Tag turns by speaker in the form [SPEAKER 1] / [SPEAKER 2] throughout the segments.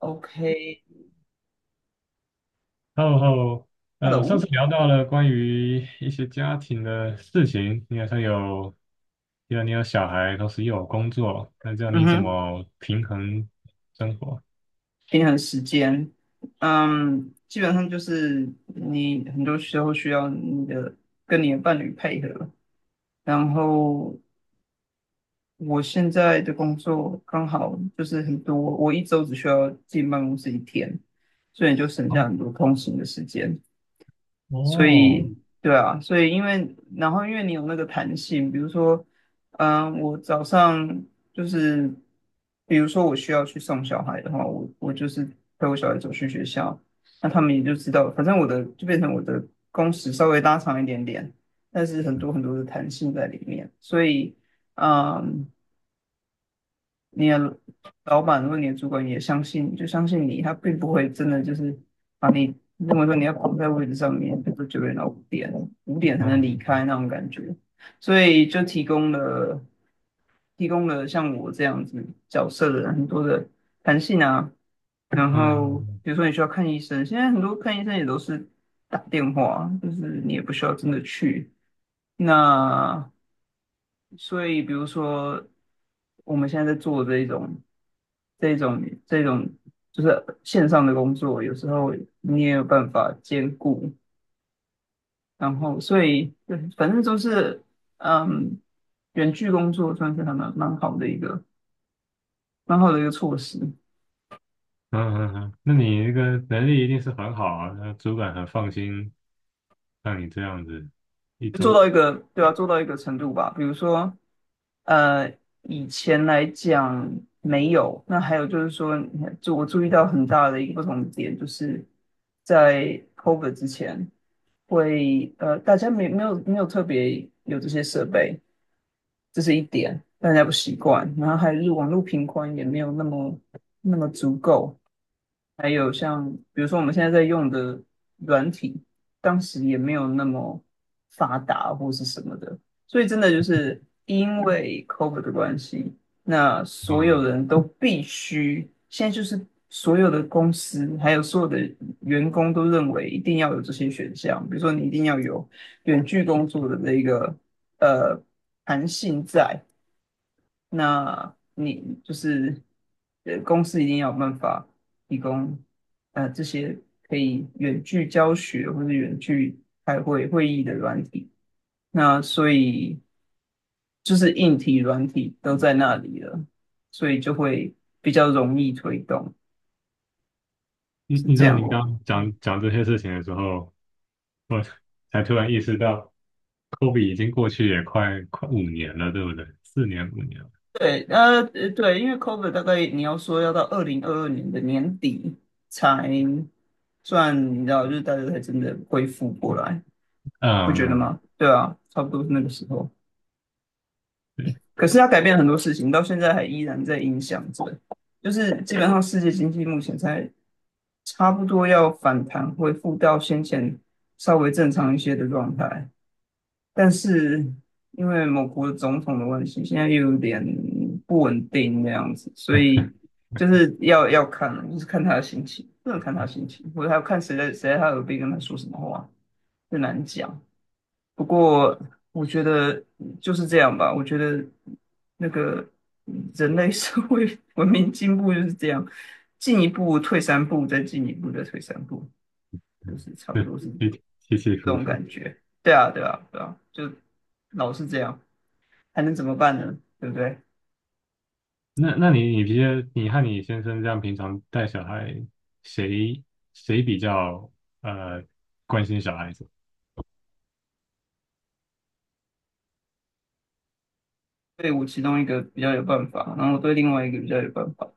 [SPEAKER 1] OK，Hello。
[SPEAKER 2] 然后，上次聊到了关于一些家庭的事情，你好像有，因为你有小孩，同时又有工作，那这样
[SPEAKER 1] 嗯
[SPEAKER 2] 你怎
[SPEAKER 1] 哼。
[SPEAKER 2] 么平衡生活？
[SPEAKER 1] 平衡时间。基本上就是你很多时候需要跟你的伴侣配合。然后我现在的工作刚好就是很多，我一周只需要进办公室一天，所以你就省下
[SPEAKER 2] 哦，
[SPEAKER 1] 很多通勤的时间。所
[SPEAKER 2] 哦，
[SPEAKER 1] 以，对啊，所以因为你有那个弹性，比如说，我早上就是，比如说我需要去送小孩的话，我就是陪我小孩走去学校。那他们也就知道，反正我的就变成我的工时稍微拉长一点点，但是很多很多的弹性在里面。所以，嗯、你的老板或你的主管也相信，就相信你，他并不会真的就是把你认为说你要绑在位置上面，比如说9点到五点，五点才能离
[SPEAKER 2] 嗯
[SPEAKER 1] 开那种感觉。所以就提供了像我这样子角色的人很多的弹性啊。然后
[SPEAKER 2] 嗯
[SPEAKER 1] 比如说你需要看医生，现在很多看医生也都是打电话，就是你也不需要真的去。那所以，比如说我们现在在做这一种、这种、这种，就是线上的工作，有时候你也有办法兼顾。然后，所以对，反正都是嗯，远距工作算是还蛮好的一个措施。
[SPEAKER 2] 嗯嗯嗯，那你这个能力一定是很好啊，那主管很放心让你这样子一
[SPEAKER 1] 做
[SPEAKER 2] 周。
[SPEAKER 1] 到一个对啊，做到一个程度吧。比如说，呃，以前来讲没有。那还有就是说，你看就我注意到很大的一个不同的点，就是在 COVID 之前，大家没有特别有这些设备，这是一点，大家不习惯。然后还是网络频宽也没有那么足够，还有像比如说我们现在在用的软体，当时也没有那么发达或是什么的，所以真的就是因为 COVID 的关系，那所有
[SPEAKER 2] 嗯，
[SPEAKER 1] 人都必须现在就是所有的公司还有所有的员工都认为一定要有这些选项，比如说你一定要有远距工作的这一个呃弹性在。那你就是公司一定要有办法提供这些可以远距教学或者远距会议的软体。那所以就是硬体、软体都在那里了，所以就会比较容易推动，
[SPEAKER 2] 你
[SPEAKER 1] 是
[SPEAKER 2] 你知
[SPEAKER 1] 这
[SPEAKER 2] 道
[SPEAKER 1] 样的。
[SPEAKER 2] 你刚刚
[SPEAKER 1] 嗯，
[SPEAKER 2] 讲这些事情的时候。我才突然意识到科比已经过去也快五年了，对不对？四年五年了，
[SPEAKER 1] 对，对，因为 COVID 大概你要说要到2022年的年底才算，你知道，就是大家才真的恢复过来。不
[SPEAKER 2] 嗯
[SPEAKER 1] 觉得
[SPEAKER 2] 嗯，
[SPEAKER 1] 吗？对啊，差不多是那个时候。
[SPEAKER 2] 对
[SPEAKER 1] 可是他改变了很多事情，到现在还依然在影响着。就是基本上世界经济目前才差不多要反弹，恢复到先前稍微正常一些的状态。但是因为某国总统的问题，现在又有点不稳定那样子，所以就是要看，就是看他的心情，不能看他的心情，或者还要看谁在他耳边跟他说什么话，很难讲。不过我觉得就是这样吧。我觉得那个人类社会 文明进步就是这样，进一步退三步，再进一步再退三步，就是差不
[SPEAKER 2] 对，
[SPEAKER 1] 多是
[SPEAKER 2] 起起起
[SPEAKER 1] 这
[SPEAKER 2] 伏
[SPEAKER 1] 种
[SPEAKER 2] 伏。
[SPEAKER 1] 感觉。对啊，对啊，对啊，就老是这样，还能怎么办呢？对不对？
[SPEAKER 2] 那你平时你和你先生这样平常带小孩，谁谁比较呃关心小孩子？
[SPEAKER 1] 对，我其中一个比较有办法，然后我对另外一个比较有办法，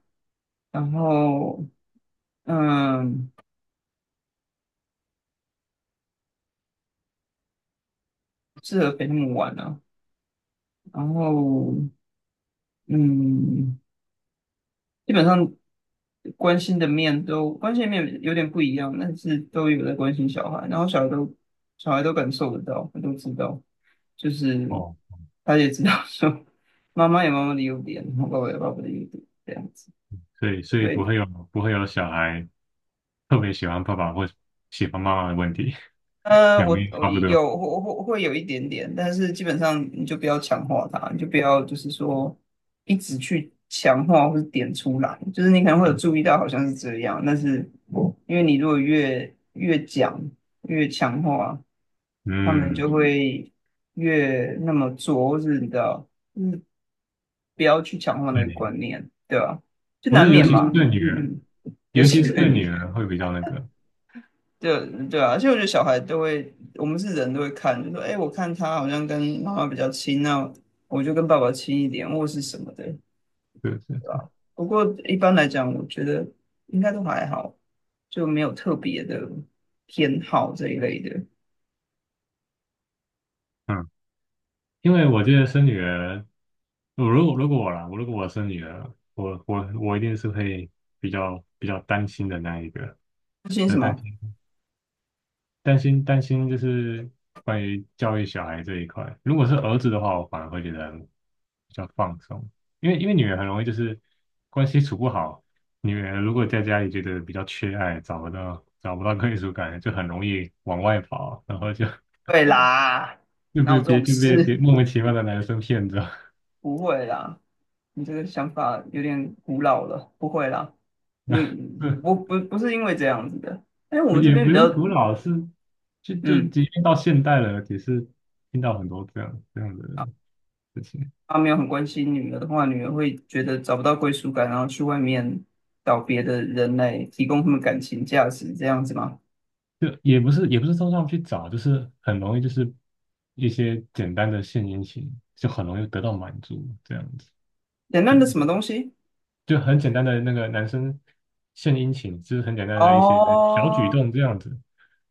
[SPEAKER 1] 然后嗯，适合陪他们玩啊，然后嗯，基本上。关心的面有点不一样，但是都有在关心小孩，然后小孩都感受得到，他都知道，就是
[SPEAKER 2] 哦，
[SPEAKER 1] 他也知道说妈妈有妈妈的优点，然后爸爸有爸爸的优点，这样子。
[SPEAKER 2] 所以
[SPEAKER 1] 对，
[SPEAKER 2] 不会有小孩特别喜欢爸爸或喜欢妈妈的问题，两
[SPEAKER 1] 我
[SPEAKER 2] 边
[SPEAKER 1] 我
[SPEAKER 2] 差不多。
[SPEAKER 1] 有会有一点点，但是基本上你就不要强化它，你就不要就是说一直去强化或是点出来，就是你可能会有注意到好像是这样，但是因为你如果越讲越强化。他们
[SPEAKER 2] 嗯，
[SPEAKER 1] 就会越那么做，或是你知道，不要去强化那个
[SPEAKER 2] 对，
[SPEAKER 1] 观念，对吧？就
[SPEAKER 2] 我觉
[SPEAKER 1] 难
[SPEAKER 2] 得尤
[SPEAKER 1] 免
[SPEAKER 2] 其是
[SPEAKER 1] 嘛。
[SPEAKER 2] 对
[SPEAKER 1] 嗯
[SPEAKER 2] 女儿，
[SPEAKER 1] 嗯。尤
[SPEAKER 2] 尤
[SPEAKER 1] 其
[SPEAKER 2] 其是
[SPEAKER 1] 对
[SPEAKER 2] 对
[SPEAKER 1] 女
[SPEAKER 2] 女
[SPEAKER 1] 人，
[SPEAKER 2] 儿会比较那个，
[SPEAKER 1] 对对啊，而且我觉得小孩都会，我们是人都会看，就说，哎，我看他好像跟妈妈比较亲，那我就跟爸爸亲一点，或是什么的，
[SPEAKER 2] 对对。
[SPEAKER 1] 对吧？不过一般来讲，我觉得应该都还好，就没有特别的偏好这一类的。
[SPEAKER 2] 嗯，因为我记得生女儿，我如果我啦，我如果我生女儿，我一定是会比较担心的那一个，
[SPEAKER 1] 不信什
[SPEAKER 2] 呃，担
[SPEAKER 1] 么？
[SPEAKER 2] 心担心就是关于教育小孩这一块。如果是儿子的话，我反而会觉得比较放松，因为女儿很容易就是关系处不好，女儿如果在家里觉得比较缺爱，找不到归属感，就很容易往外跑，然后就
[SPEAKER 1] 会啦。
[SPEAKER 2] 就
[SPEAKER 1] 哪有
[SPEAKER 2] 被
[SPEAKER 1] 这
[SPEAKER 2] 别
[SPEAKER 1] 种
[SPEAKER 2] 就被别
[SPEAKER 1] 事？
[SPEAKER 2] 莫名其妙的男生骗着。
[SPEAKER 1] 不会啦。你这个想法有点古老了，不会啦，你不 不不是因为这样子的，因为我们这
[SPEAKER 2] 也
[SPEAKER 1] 边
[SPEAKER 2] 不
[SPEAKER 1] 比较。
[SPEAKER 2] 是古老，是就
[SPEAKER 1] 嗯，
[SPEAKER 2] 即便到现代了，也是听到很多这样的事情，
[SPEAKER 1] 他没有很关心女儿的话，女儿会觉得找不到归属感，然后去外面找别的人来提供他们感情价值，这样子吗？
[SPEAKER 2] 就也不是说上去找，就是很容易就是一些简单的献殷勤，就很容易得到满足，这样子
[SPEAKER 1] 简
[SPEAKER 2] 就
[SPEAKER 1] 单的什么东西？
[SPEAKER 2] 就很简单的那个男生献殷勤，就是很简单的一些小举
[SPEAKER 1] 哦，
[SPEAKER 2] 动这样子，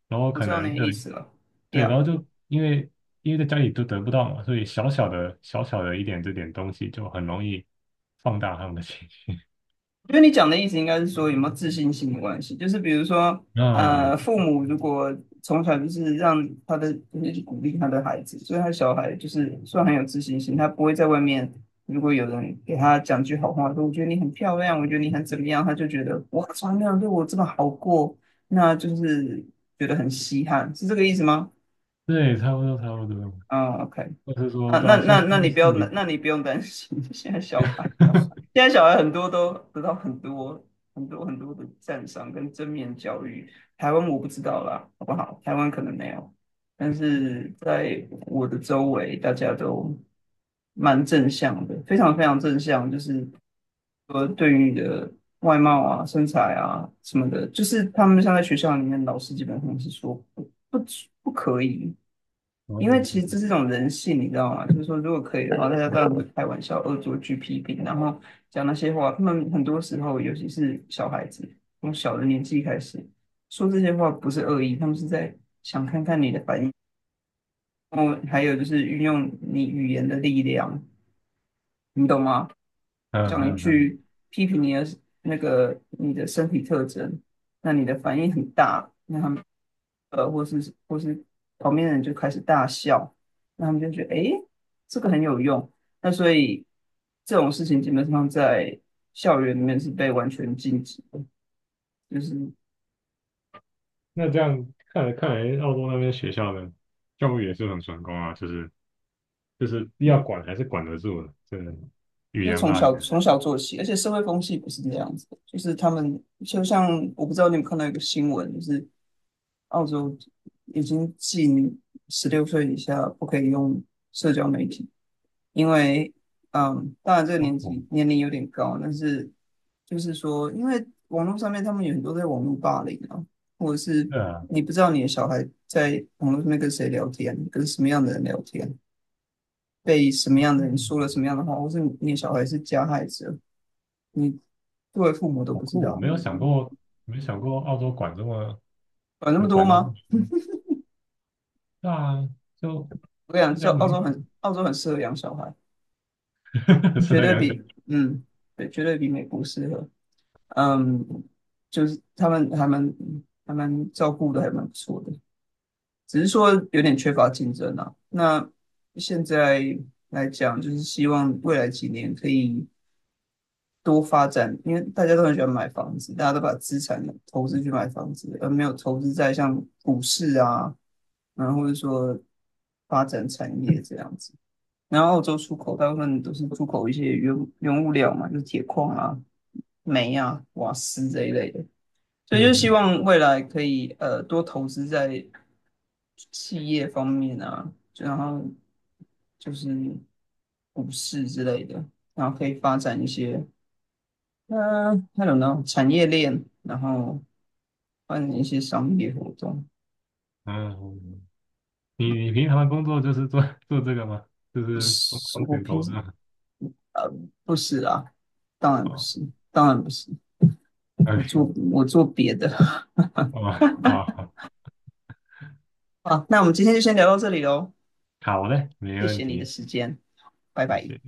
[SPEAKER 2] 然后
[SPEAKER 1] 我
[SPEAKER 2] 可
[SPEAKER 1] 知道你
[SPEAKER 2] 能
[SPEAKER 1] 的
[SPEAKER 2] 对
[SPEAKER 1] 意思了。
[SPEAKER 2] 对，
[SPEAKER 1] Yeah，
[SPEAKER 2] 然后就因为在家里都得不到嘛，所以小小的一点这点东西就很容易放大他们的情绪。
[SPEAKER 1] 我觉得你讲的意思应该是说有没有自信心的关系，就是比如说，
[SPEAKER 2] 啊，有，
[SPEAKER 1] 父母如果从小就是鼓励他的孩子，所以他小孩就是算很有自信心，他不会在外面如果有人给他讲句好话，说我觉得你很漂亮，我觉得你很怎么样，他就觉得哇，从来没有人对我这么好过，那就是觉得很稀罕，是这个意思吗？
[SPEAKER 2] 对，差不多差不多，
[SPEAKER 1] 嗯，OK。
[SPEAKER 2] 或是说，
[SPEAKER 1] 那
[SPEAKER 2] 大
[SPEAKER 1] 那
[SPEAKER 2] 啊，说
[SPEAKER 1] 那那
[SPEAKER 2] 说
[SPEAKER 1] 你
[SPEAKER 2] 是
[SPEAKER 1] 不要
[SPEAKER 2] 你，
[SPEAKER 1] 那你不用担心。现在小孩。现在小孩很多都得到很多很多很多的赞赏跟正面教育。台湾我不知道啦，好不好？台湾可能没有，但是在我的周围，大家都蛮正向的，非常非常正向，就是说对于你的外貌啊、身材啊什么的，就是他们像在学校里面，老师基本上是说不可以，
[SPEAKER 2] 哦，
[SPEAKER 1] 因为其实这是一种人性，你知道吗？就是说，如果可以的话，大家当然会开玩笑、恶作剧、批评，然后讲那些话。他们很多时候，尤其是小孩子，从小的年纪开始说这些话，不是恶意，他们是在想看看你的反应。然后还有就是运用你语言的力量，你懂吗？
[SPEAKER 2] 嗯
[SPEAKER 1] 讲一
[SPEAKER 2] 嗯嗯，
[SPEAKER 1] 句批评你的身体特征，那你的反应很大，那他们或是旁边的人就开始大笑，那他们就觉得诶，这个很有用。那所以这种事情基本上在校园里面是被完全禁止的，就是
[SPEAKER 2] 那这样看来，澳洲那边学校的教育也是很成功啊，就是要管还是管得住的，这个语
[SPEAKER 1] 就
[SPEAKER 2] 言
[SPEAKER 1] 从
[SPEAKER 2] 霸凌，
[SPEAKER 1] 小从小做起，而且社会风气不是这样子的，就是他们就像我不知道你有没有看到一个新闻，就是澳洲已经禁16岁以下不可以用社交媒体，因为当然这个
[SPEAKER 2] 好
[SPEAKER 1] 年
[SPEAKER 2] 酷，
[SPEAKER 1] 纪年龄有点高，但是就是说，因为网络上面他们有很多在网络霸凌啊，或者是
[SPEAKER 2] 对啊，
[SPEAKER 1] 你不知道你的小孩在网络上面跟谁聊天，跟什么样的人聊天，被什么样的人
[SPEAKER 2] 嗯，
[SPEAKER 1] 说了什么样的话，或是你的小孩是加害者，你作为父母都
[SPEAKER 2] 好
[SPEAKER 1] 不知
[SPEAKER 2] 酷，我
[SPEAKER 1] 道，
[SPEAKER 2] 没有想过，没想过澳洲管这么
[SPEAKER 1] 管那
[SPEAKER 2] 有
[SPEAKER 1] 么多
[SPEAKER 2] 管到这么
[SPEAKER 1] 吗？
[SPEAKER 2] 严重，对啊，就
[SPEAKER 1] 我跟你讲，
[SPEAKER 2] 社
[SPEAKER 1] 教
[SPEAKER 2] 交
[SPEAKER 1] 澳
[SPEAKER 2] 媒
[SPEAKER 1] 洲
[SPEAKER 2] 体
[SPEAKER 1] 很澳洲很适合养小孩。
[SPEAKER 2] 适
[SPEAKER 1] 绝
[SPEAKER 2] 合
[SPEAKER 1] 对
[SPEAKER 2] 养小
[SPEAKER 1] 比，嗯，对，绝对比美国适合。嗯，就是他们还蛮照顾的，还蛮不错的，只是说有点缺乏竞争啊。那现在来讲，就是希望未来几年可以多发展，因为大家都很喜欢买房子，大家都把资产投资去买房子，而没有投资在像股市啊，然后或者说发展产业这样子。然后澳洲出口大部分都是出口一些原物料嘛，就是铁矿啊、煤啊、瓦斯这一类的，所以就希
[SPEAKER 2] 嗯
[SPEAKER 1] 望未来可以多投资在企业方面啊，然后就是股市之类的，然后可以发展一些那种呢产业链，然后发展一些商业活动。
[SPEAKER 2] 嗯嗯。你平常的工作就是做 做这个吗？就
[SPEAKER 1] 不
[SPEAKER 2] 是风
[SPEAKER 1] 是，
[SPEAKER 2] 风
[SPEAKER 1] 我
[SPEAKER 2] 险
[SPEAKER 1] 平
[SPEAKER 2] 投资
[SPEAKER 1] 时
[SPEAKER 2] 吗？
[SPEAKER 1] 呃不是啊，当然不
[SPEAKER 2] 哦，
[SPEAKER 1] 是，当然不是，我
[SPEAKER 2] 哎，
[SPEAKER 1] 做我做别的。
[SPEAKER 2] 哦，好好，
[SPEAKER 1] 好，那我们今天就先聊到这里喽，
[SPEAKER 2] 好嘞，没
[SPEAKER 1] 谢
[SPEAKER 2] 问
[SPEAKER 1] 谢你的
[SPEAKER 2] 题，
[SPEAKER 1] 时间，拜
[SPEAKER 2] 谢
[SPEAKER 1] 拜。
[SPEAKER 2] 谢。